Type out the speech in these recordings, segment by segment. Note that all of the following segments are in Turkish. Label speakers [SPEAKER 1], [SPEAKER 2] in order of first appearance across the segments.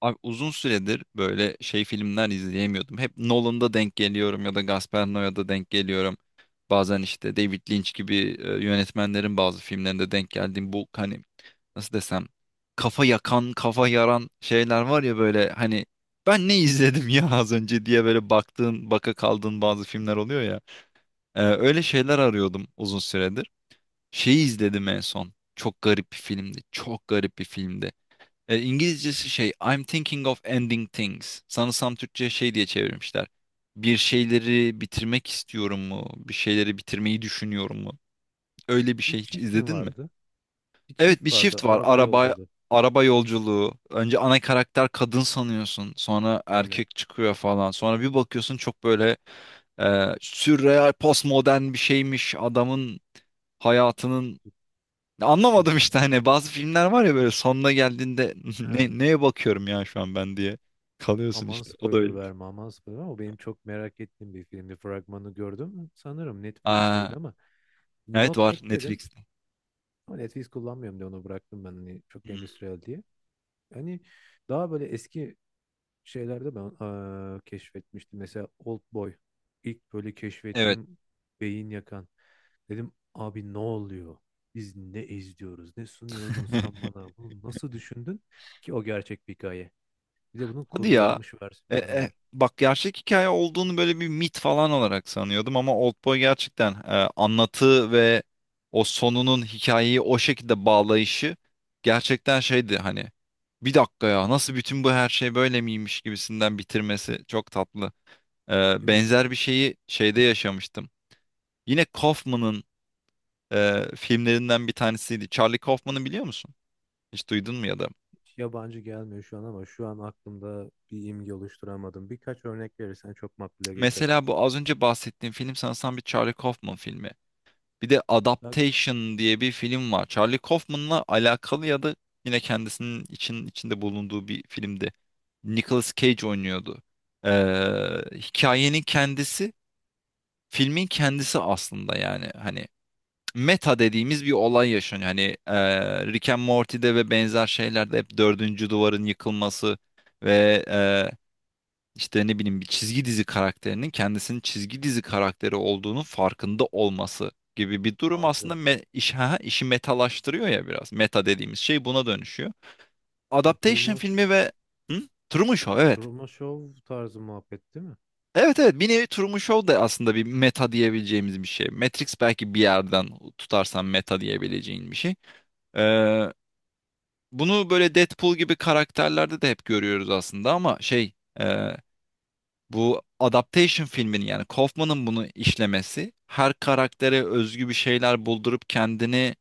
[SPEAKER 1] Abi uzun süredir böyle filmler izleyemiyordum. Hep Nolan'da denk geliyorum ya da Gaspar Noé'da denk geliyorum. Bazen işte David Lynch gibi yönetmenlerin bazı filmlerinde denk geldiğim bu hani nasıl desem kafa yakan, kafa yaran şeyler var ya böyle hani ben ne izledim ya az önce diye böyle baktığın, baka kaldığın
[SPEAKER 2] Bilmiyorum.
[SPEAKER 1] bazı filmler oluyor ya. Öyle şeyler arıyordum uzun süredir. Şeyi izledim en son. Çok garip bir filmdi. Çok garip bir filmdi. İngilizcesi şey I'm thinking of ending things. Sanırsam Türkçe şey diye çevirmişler. Bir şeyleri bitirmek istiyorum mu? Bir şeyleri bitirmeyi düşünüyorum mu? Öyle bir
[SPEAKER 2] Bir
[SPEAKER 1] şey hiç
[SPEAKER 2] çift mi
[SPEAKER 1] izledin mi?
[SPEAKER 2] vardı? Bir
[SPEAKER 1] Evet bir
[SPEAKER 2] çift vardı.
[SPEAKER 1] shift var.
[SPEAKER 2] Araba
[SPEAKER 1] Araba
[SPEAKER 2] yolculuğu.
[SPEAKER 1] araba yolculuğu. Önce ana karakter kadın sanıyorsun. Sonra
[SPEAKER 2] Aynen.
[SPEAKER 1] erkek çıkıyor falan. Sonra bir bakıyorsun çok böyle sürreal postmodern bir şeymiş. Adamın hayatının anlamadım işte
[SPEAKER 2] İzlemedim.
[SPEAKER 1] hani bazı filmler var ya böyle sonuna geldiğinde
[SPEAKER 2] Ha.
[SPEAKER 1] ne, neye bakıyorum ya şu an ben diye kalıyorsun
[SPEAKER 2] Aman
[SPEAKER 1] işte. O da
[SPEAKER 2] spoiler
[SPEAKER 1] öyle.
[SPEAKER 2] verme, aman spoiler verme. O benim çok merak ettiğim bir filmdi. Fragmanı gördüm. Sanırım
[SPEAKER 1] Aa,
[SPEAKER 2] Netflix'teydi ama
[SPEAKER 1] evet
[SPEAKER 2] not
[SPEAKER 1] var
[SPEAKER 2] ekledim.
[SPEAKER 1] Netflix'te.
[SPEAKER 2] Ama Netflix kullanmıyorum diye onu bıraktım ben. Hani çok
[SPEAKER 1] Hmm.
[SPEAKER 2] endüstriyel diye. Hani daha böyle eski şeylerde ben keşfetmiştim. Mesela Oldboy. İlk böyle
[SPEAKER 1] Evet.
[SPEAKER 2] keşfettiğim beyin yakan. Dedim abi ne oluyor? Biz ne izliyoruz? Ne sunuyordun sen bana? Bunu nasıl düşündün ki o gerçek bir hikaye? Bir de bunun
[SPEAKER 1] Hadi ya.
[SPEAKER 2] kurgulanmış versiyonları var.
[SPEAKER 1] Bak gerçek hikaye olduğunu böyle bir mit falan olarak sanıyordum ama Oldboy gerçekten anlatı ve o sonunun hikayeyi o şekilde bağlayışı gerçekten şeydi hani bir dakika ya nasıl bütün bu her şey böyle miymiş gibisinden bitirmesi çok tatlı.
[SPEAKER 2] Değil mi?
[SPEAKER 1] Benzer bir şeyi şeyde yaşamıştım. Yine Kaufman'ın filmlerinden bir tanesiydi. Charlie Kaufman'ı biliyor musun? Hiç duydun mu ya da?
[SPEAKER 2] Hiç yabancı gelmiyor şu an ama şu an aklımda bir imge oluşturamadım. Birkaç örnek verirsen çok makbule geçer.
[SPEAKER 1] Mesela bu az önce bahsettiğim film sanırsam bir Charlie Kaufman filmi. Bir de
[SPEAKER 2] Ya,
[SPEAKER 1] Adaptation diye bir film var. Charlie Kaufman'la alakalı ya da yine kendisinin için, içinde bulunduğu bir filmdi. Nicolas Cage oynuyordu. Ee, Hikayenin kendisi, filmin kendisi aslında yani. Hani meta dediğimiz bir olay yaşanıyor. Hani Rick and Morty'de ve benzer şeylerde hep dördüncü duvarın yıkılması ve işte ne bileyim bir çizgi dizi karakterinin kendisinin çizgi dizi karakteri olduğunu farkında olması gibi bir durum aslında
[SPEAKER 2] algı.
[SPEAKER 1] işi metalaştırıyor ya biraz. Meta dediğimiz şey buna dönüşüyor.
[SPEAKER 2] Bu
[SPEAKER 1] Adaptation
[SPEAKER 2] Truman,
[SPEAKER 1] filmi ve hı? Truman Show evet.
[SPEAKER 2] Truman Show tarzı muhabbet değil mi?
[SPEAKER 1] Evet, evet, bir nevi Truman Show da aslında bir meta diyebileceğimiz bir şey. Matrix belki bir yerden tutarsan meta diyebileceğin bir şey. Ee, Bunu böyle Deadpool gibi karakterlerde de hep görüyoruz aslında ama e, bu adaptation filminin yani Kaufman'ın bunu işlemesi her karaktere özgü bir şeyler buldurup kendini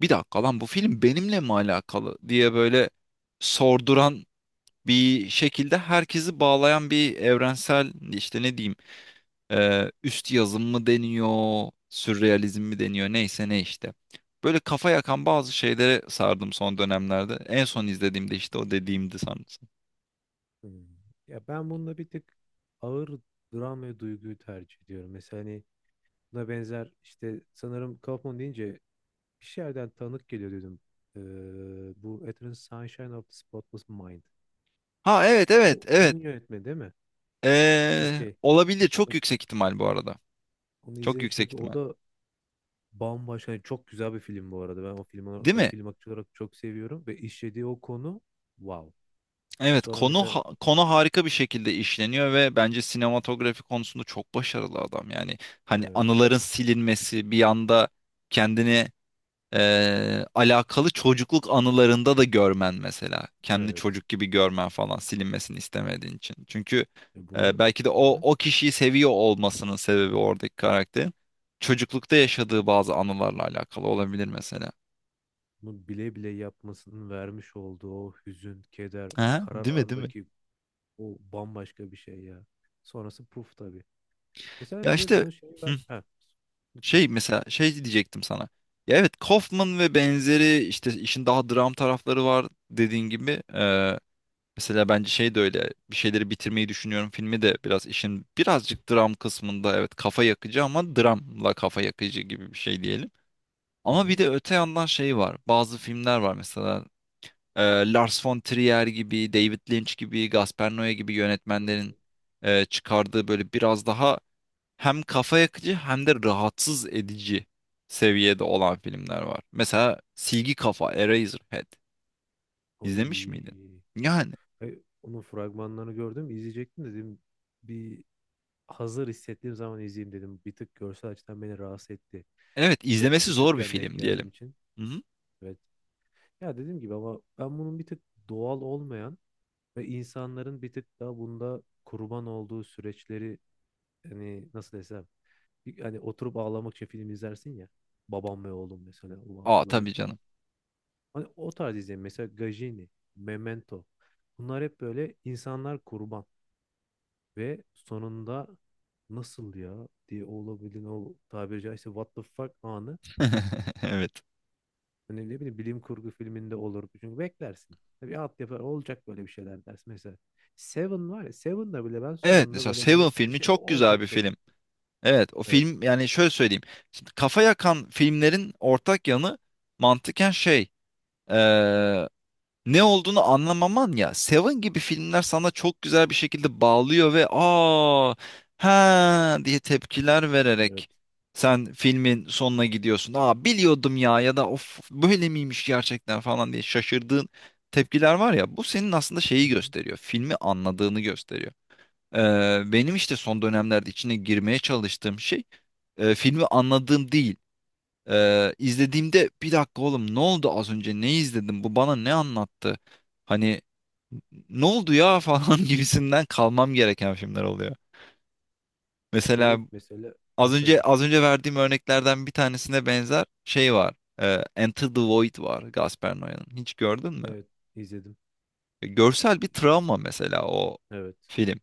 [SPEAKER 1] bir dakika lan bu film benimle mi alakalı diye böyle sorduran bir şekilde herkesi bağlayan bir evrensel işte ne diyeyim üst yazım mı deniyor, sürrealizm mi deniyor, neyse ne işte. Böyle kafa yakan bazı şeylere sardım son dönemlerde. En son izlediğimde işte o dediğimdi sanırsam.
[SPEAKER 2] Hmm. Ya ben bunda bir tık ağır dram ve duyguyu tercih ediyorum. Mesela hani buna benzer işte sanırım Kaufman deyince bir şeylerden tanık geliyor dedim. Bu Eternal Sunshine of the Spotless Mind.
[SPEAKER 1] Ha, evet, evet,
[SPEAKER 2] O onun
[SPEAKER 1] evet.
[SPEAKER 2] yönetmeni değil mi? Okey.
[SPEAKER 1] Olabilir, çok
[SPEAKER 2] Okey.
[SPEAKER 1] yüksek ihtimal bu arada.
[SPEAKER 2] Onu
[SPEAKER 1] Çok
[SPEAKER 2] izlemiştim
[SPEAKER 1] yüksek
[SPEAKER 2] çünkü o
[SPEAKER 1] ihtimal.
[SPEAKER 2] da bambaşka, yani çok güzel bir film bu arada. Ben o
[SPEAKER 1] Değil
[SPEAKER 2] o
[SPEAKER 1] mi?
[SPEAKER 2] film aktörü olarak çok seviyorum ve işlediği o konu wow.
[SPEAKER 1] Evet
[SPEAKER 2] Sonra
[SPEAKER 1] konu
[SPEAKER 2] mesela
[SPEAKER 1] konu harika bir şekilde işleniyor ve bence sinematografi konusunda çok başarılı adam. Yani hani
[SPEAKER 2] evet,
[SPEAKER 1] anıların silinmesi bir anda kendini alakalı çocukluk anılarında da görmen mesela. Kendi
[SPEAKER 2] evet.
[SPEAKER 1] çocuk gibi görmen falan silinmesini istemediğin için. Çünkü
[SPEAKER 2] E bunu,
[SPEAKER 1] belki de
[SPEAKER 2] hı
[SPEAKER 1] o
[SPEAKER 2] hı,
[SPEAKER 1] o kişiyi seviyor olmasının sebebi oradaki karakterin çocuklukta yaşadığı bazı anılarla alakalı olabilir mesela.
[SPEAKER 2] bile bile yapmasının vermiş olduğu o hüzün, keder,
[SPEAKER 1] Ha,
[SPEAKER 2] karar
[SPEAKER 1] değil mi, değil mi?
[SPEAKER 2] anındaki o bambaşka bir şey ya. Sonrası puf tabii. Mesela
[SPEAKER 1] Ya
[SPEAKER 2] bir de
[SPEAKER 1] işte
[SPEAKER 2] bunun şeyi
[SPEAKER 1] hı,
[SPEAKER 2] var. Ha, lütfen.
[SPEAKER 1] şey mesela şey diyecektim sana. Ya evet Kaufman ve benzeri işte işin daha dram tarafları var dediğin gibi. Mesela bence şey de öyle bir şeyleri bitirmeyi düşünüyorum filmi de biraz işin birazcık dram kısmında evet kafa yakıcı ama dramla kafa yakıcı gibi bir şey diyelim.
[SPEAKER 2] Hı
[SPEAKER 1] Ama bir
[SPEAKER 2] hı.
[SPEAKER 1] de öte yandan şey var bazı filmler var mesela e, Lars von Trier gibi David Lynch gibi Gaspar Noé gibi
[SPEAKER 2] Hı
[SPEAKER 1] yönetmenlerin
[SPEAKER 2] hı.
[SPEAKER 1] çıkardığı böyle biraz daha hem kafa yakıcı hem de rahatsız edici seviyede olan filmler var. Mesela Silgi Kafa Eraserhead İzlemiş
[SPEAKER 2] Oy.
[SPEAKER 1] miydin? Yani
[SPEAKER 2] Ay, onun fragmanlarını gördüm, izleyecektim dedim. Bir hazır hissettiğim zaman izleyeyim dedim. Bir tık görsel açıdan beni rahatsız etti.
[SPEAKER 1] evet,
[SPEAKER 2] Çok
[SPEAKER 1] izlemesi zor bir
[SPEAKER 2] küçükken denk
[SPEAKER 1] film
[SPEAKER 2] geldiğim
[SPEAKER 1] diyelim.
[SPEAKER 2] için.
[SPEAKER 1] Hı hı.
[SPEAKER 2] Evet. Ya dediğim gibi ama ben bunun bir tık doğal olmayan ve insanların bir tık daha bunda kurban olduğu süreçleri, hani nasıl desem, hani oturup ağlamak için film izlersin ya. Babam ve oğlum mesela. Ulan
[SPEAKER 1] Aa
[SPEAKER 2] böyle,
[SPEAKER 1] tabii canım.
[SPEAKER 2] hani o tarz izleyin. Mesela Gajini, Memento. Bunlar hep böyle insanlar kurban. Ve sonunda nasıl ya diye olabildiğin o tabiri caizse what the fuck anı.
[SPEAKER 1] Evet.
[SPEAKER 2] Hani ne bileyim bilim kurgu filminde olur. Çünkü beklersin. Tabii alt yapar olacak böyle bir şeyler dersin. Mesela Seven var ya, Seven'da bile ben
[SPEAKER 1] Evet
[SPEAKER 2] sonunda
[SPEAKER 1] mesela
[SPEAKER 2] böyle
[SPEAKER 1] Seven
[SPEAKER 2] bunun bir
[SPEAKER 1] filmi
[SPEAKER 2] şey
[SPEAKER 1] çok güzel bir
[SPEAKER 2] olacak dedim.
[SPEAKER 1] film. Evet o
[SPEAKER 2] Evet.
[SPEAKER 1] film yani şöyle söyleyeyim. Şimdi kafa yakan filmlerin ortak yanı mantıken şey, ne olduğunu anlamaman ya. Seven gibi filmler sana çok güzel bir şekilde bağlıyor ve aa ha diye tepkiler
[SPEAKER 2] Evet.
[SPEAKER 1] vererek sen filmin sonuna gidiyorsun. Aa biliyordum ya ya da of böyle miymiş gerçekten falan diye şaşırdığın tepkiler var ya. Bu senin aslında şeyi
[SPEAKER 2] Hı hı.
[SPEAKER 1] gösteriyor. Filmi anladığını gösteriyor. Benim işte son dönemlerde içine girmeye çalıştığım şey filmi anladığım değil. İzlediğimde bir dakika oğlum ne oldu az önce ne izledim bu bana ne anlattı? Hani ne oldu ya falan gibisinden kalmam gereken filmler oluyor.
[SPEAKER 2] E
[SPEAKER 1] Mesela
[SPEAKER 2] şöyle mesela, ha, söyle.
[SPEAKER 1] az önce verdiğim örneklerden bir tanesine benzer şey var. Enter the Void var Gaspar Noé'nin. Hiç gördün mü?
[SPEAKER 2] Evet, izledim.
[SPEAKER 1] E, görsel bir travma mesela o
[SPEAKER 2] Evet.
[SPEAKER 1] film.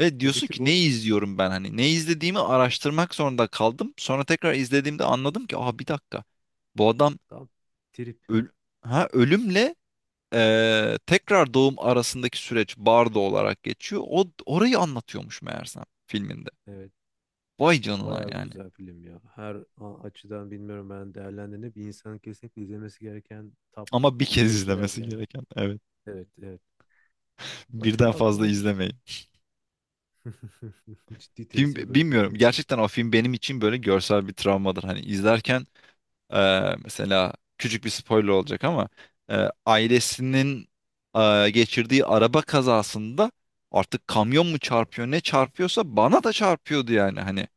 [SPEAKER 1] Ve
[SPEAKER 2] Ya bir
[SPEAKER 1] diyorsun
[SPEAKER 2] tık
[SPEAKER 1] ki ne
[SPEAKER 2] o
[SPEAKER 1] izliyorum ben hani ne izlediğimi araştırmak zorunda kaldım. Sonra tekrar izlediğimde anladım ki aha bir dakika bu adam
[SPEAKER 2] tam trip.
[SPEAKER 1] öl ha ölümle tekrar doğum arasındaki süreç bardo olarak geçiyor. O orayı anlatıyormuş meğersem filminde.
[SPEAKER 2] Evet.
[SPEAKER 1] Vay canına
[SPEAKER 2] Bayağı
[SPEAKER 1] yani.
[SPEAKER 2] güzel film ya. Her açıdan bilmiyorum ben değerlendiğini, bir insanın kesinlikle izlemesi gereken top
[SPEAKER 1] Ama bir kez
[SPEAKER 2] yüze girer
[SPEAKER 1] izlemesi
[SPEAKER 2] yani.
[SPEAKER 1] gereken. Evet.
[SPEAKER 2] Evet, evet.
[SPEAKER 1] Birden
[SPEAKER 2] Başka
[SPEAKER 1] fazla
[SPEAKER 2] aklıma bir-
[SPEAKER 1] izlemeyin.
[SPEAKER 2] ciddi
[SPEAKER 1] Film
[SPEAKER 2] tesir bırakıyor
[SPEAKER 1] bilmiyorum.
[SPEAKER 2] çünkü.
[SPEAKER 1] Gerçekten o film benim için böyle görsel bir travmadır. Hani izlerken mesela küçük bir spoiler olacak ama ailesinin geçirdiği araba kazasında artık kamyon mu çarpıyor ne çarpıyorsa bana da çarpıyordu yani hani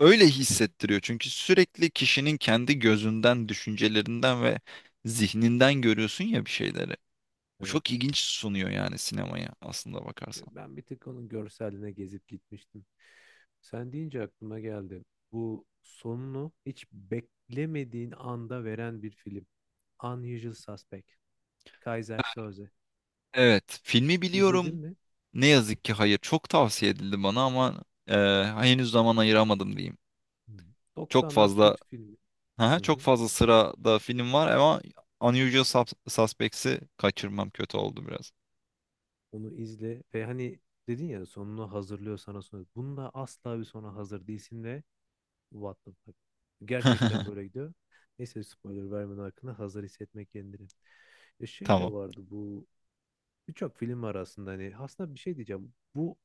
[SPEAKER 1] öyle hissettiriyor çünkü sürekli kişinin kendi gözünden düşüncelerinden ve zihninden görüyorsun ya bir şeyleri, bu çok
[SPEAKER 2] Evet.
[SPEAKER 1] ilginç sunuyor yani sinemaya aslında bakarsan
[SPEAKER 2] Ben bir tık onun görseline gezip gitmiştim. Sen deyince aklıma geldi. Bu sonunu hiç beklemediğin anda veren bir film. Unusual Suspect. Kaiser Söze.
[SPEAKER 1] evet filmi
[SPEAKER 2] İzledin
[SPEAKER 1] biliyorum
[SPEAKER 2] mi?
[SPEAKER 1] ne yazık ki hayır çok tavsiye edildi bana ama e, henüz zaman ayıramadım diyeyim
[SPEAKER 2] Hı.
[SPEAKER 1] çok
[SPEAKER 2] 90'lar
[SPEAKER 1] fazla
[SPEAKER 2] kült filmi.
[SPEAKER 1] aha,
[SPEAKER 2] Hı
[SPEAKER 1] çok
[SPEAKER 2] hı.
[SPEAKER 1] fazla sırada film var ama Suspects'i kaçırmam kötü oldu biraz.
[SPEAKER 2] Onu izle ve hani dedin ya sonunu hazırlıyor sana sonra. Bunda asla bir sona hazır değilsin ve what the fuck. Gerçekten böyle gidiyor. Neyse, spoiler vermeden hakkında hazır hissetmek kendini. E şey de
[SPEAKER 1] Tamam.
[SPEAKER 2] vardı bu. Birçok film var aslında, hani aslında bir şey diyeceğim. Bu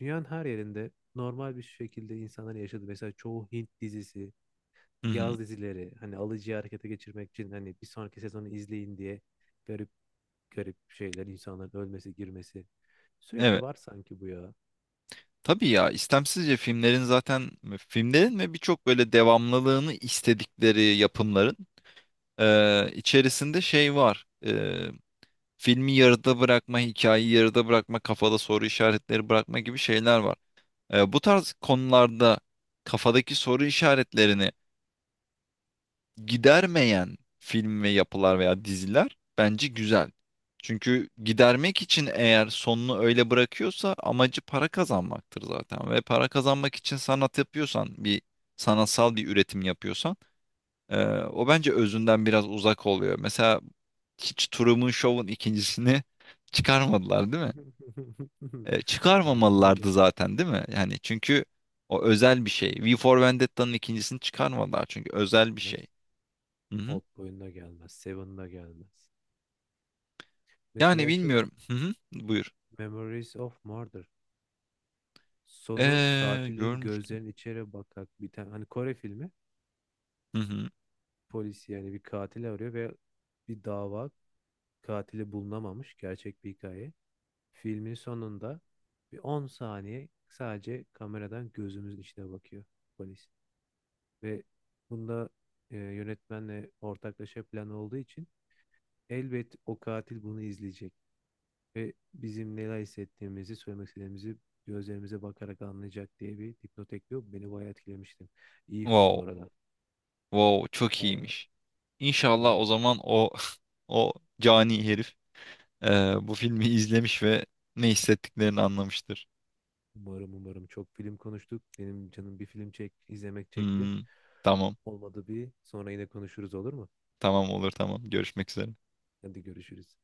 [SPEAKER 2] dünyanın her yerinde normal bir şekilde insanlar yaşadığı. Mesela çoğu Hint dizisi,
[SPEAKER 1] Hı hı.
[SPEAKER 2] yaz dizileri, hani alıcıyı harekete geçirmek için hani bir sonraki sezonu izleyin diye garip garip şeyler, insanların ölmesi, girmesi sürekli
[SPEAKER 1] Evet.
[SPEAKER 2] var sanki bu ya.
[SPEAKER 1] Tabii ya istemsizce filmlerin ve birçok böyle devamlılığını istedikleri yapımların içerisinde şey var. E, filmi yarıda bırakma, hikayeyi yarıda bırakma, kafada soru işaretleri bırakma gibi şeyler var. Bu tarz konularda kafadaki soru işaretlerini gidermeyen film ve yapılar veya diziler bence güzel. Çünkü gidermek için eğer sonunu öyle bırakıyorsa amacı para kazanmaktır zaten. Ve para kazanmak için sanat yapıyorsan, sanatsal bir üretim yapıyorsan, e, o bence özünden biraz uzak oluyor. Mesela hiç Truman Show'un ikincisini çıkarmadılar değil mi? E,
[SPEAKER 2] Aynen öyle.
[SPEAKER 1] çıkarmamalılardı zaten değil mi? Yani çünkü o özel bir şey. V for Vendetta'nın ikincisini çıkarmadılar çünkü özel bir şey.
[SPEAKER 2] Gelmez.
[SPEAKER 1] Hı hı.
[SPEAKER 2] Oldboy'un da gelmez. Seven da gelmez.
[SPEAKER 1] Yani
[SPEAKER 2] Mesela şey,
[SPEAKER 1] bilmiyorum. Hı hı. Buyur.
[SPEAKER 2] Memories of Murder. Sonu katilin
[SPEAKER 1] Görmüştüm.
[SPEAKER 2] gözlerinin içeri bakarak biten hani Kore filmi.
[SPEAKER 1] Hı hı.
[SPEAKER 2] Polis yani bir katil arıyor ve bir dava, katili bulunamamış. Gerçek bir hikaye. Filmin sonunda bir 10 saniye sadece kameradan gözümüzün içine bakıyor polis. Ve bunda yönetmenle ortaklaşa plan olduğu için elbet o katil bunu izleyecek. Ve bizim neler hissettiğimizi, söylemek istediğimizi gözlerimize bakarak anlayacak diye bir dipnot ekliyor. Beni bayağı etkilemiştim. İyi film bu
[SPEAKER 1] Wow.
[SPEAKER 2] arada.
[SPEAKER 1] Wow. Çok
[SPEAKER 2] Bayağı,
[SPEAKER 1] iyiymiş. İnşallah o
[SPEAKER 2] bayağı
[SPEAKER 1] zaman o o cani herif bu filmi izlemiş ve ne hissettiklerini anlamıştır.
[SPEAKER 2] Umarım, umarım. Çok film konuştuk. Benim canım bir film çek, izlemek çekti.
[SPEAKER 1] Hmm. Tamam.
[SPEAKER 2] Olmadı bir sonra yine konuşuruz olur mu?
[SPEAKER 1] Tamam olur tamam. Görüşmek üzere.
[SPEAKER 2] Hadi görüşürüz.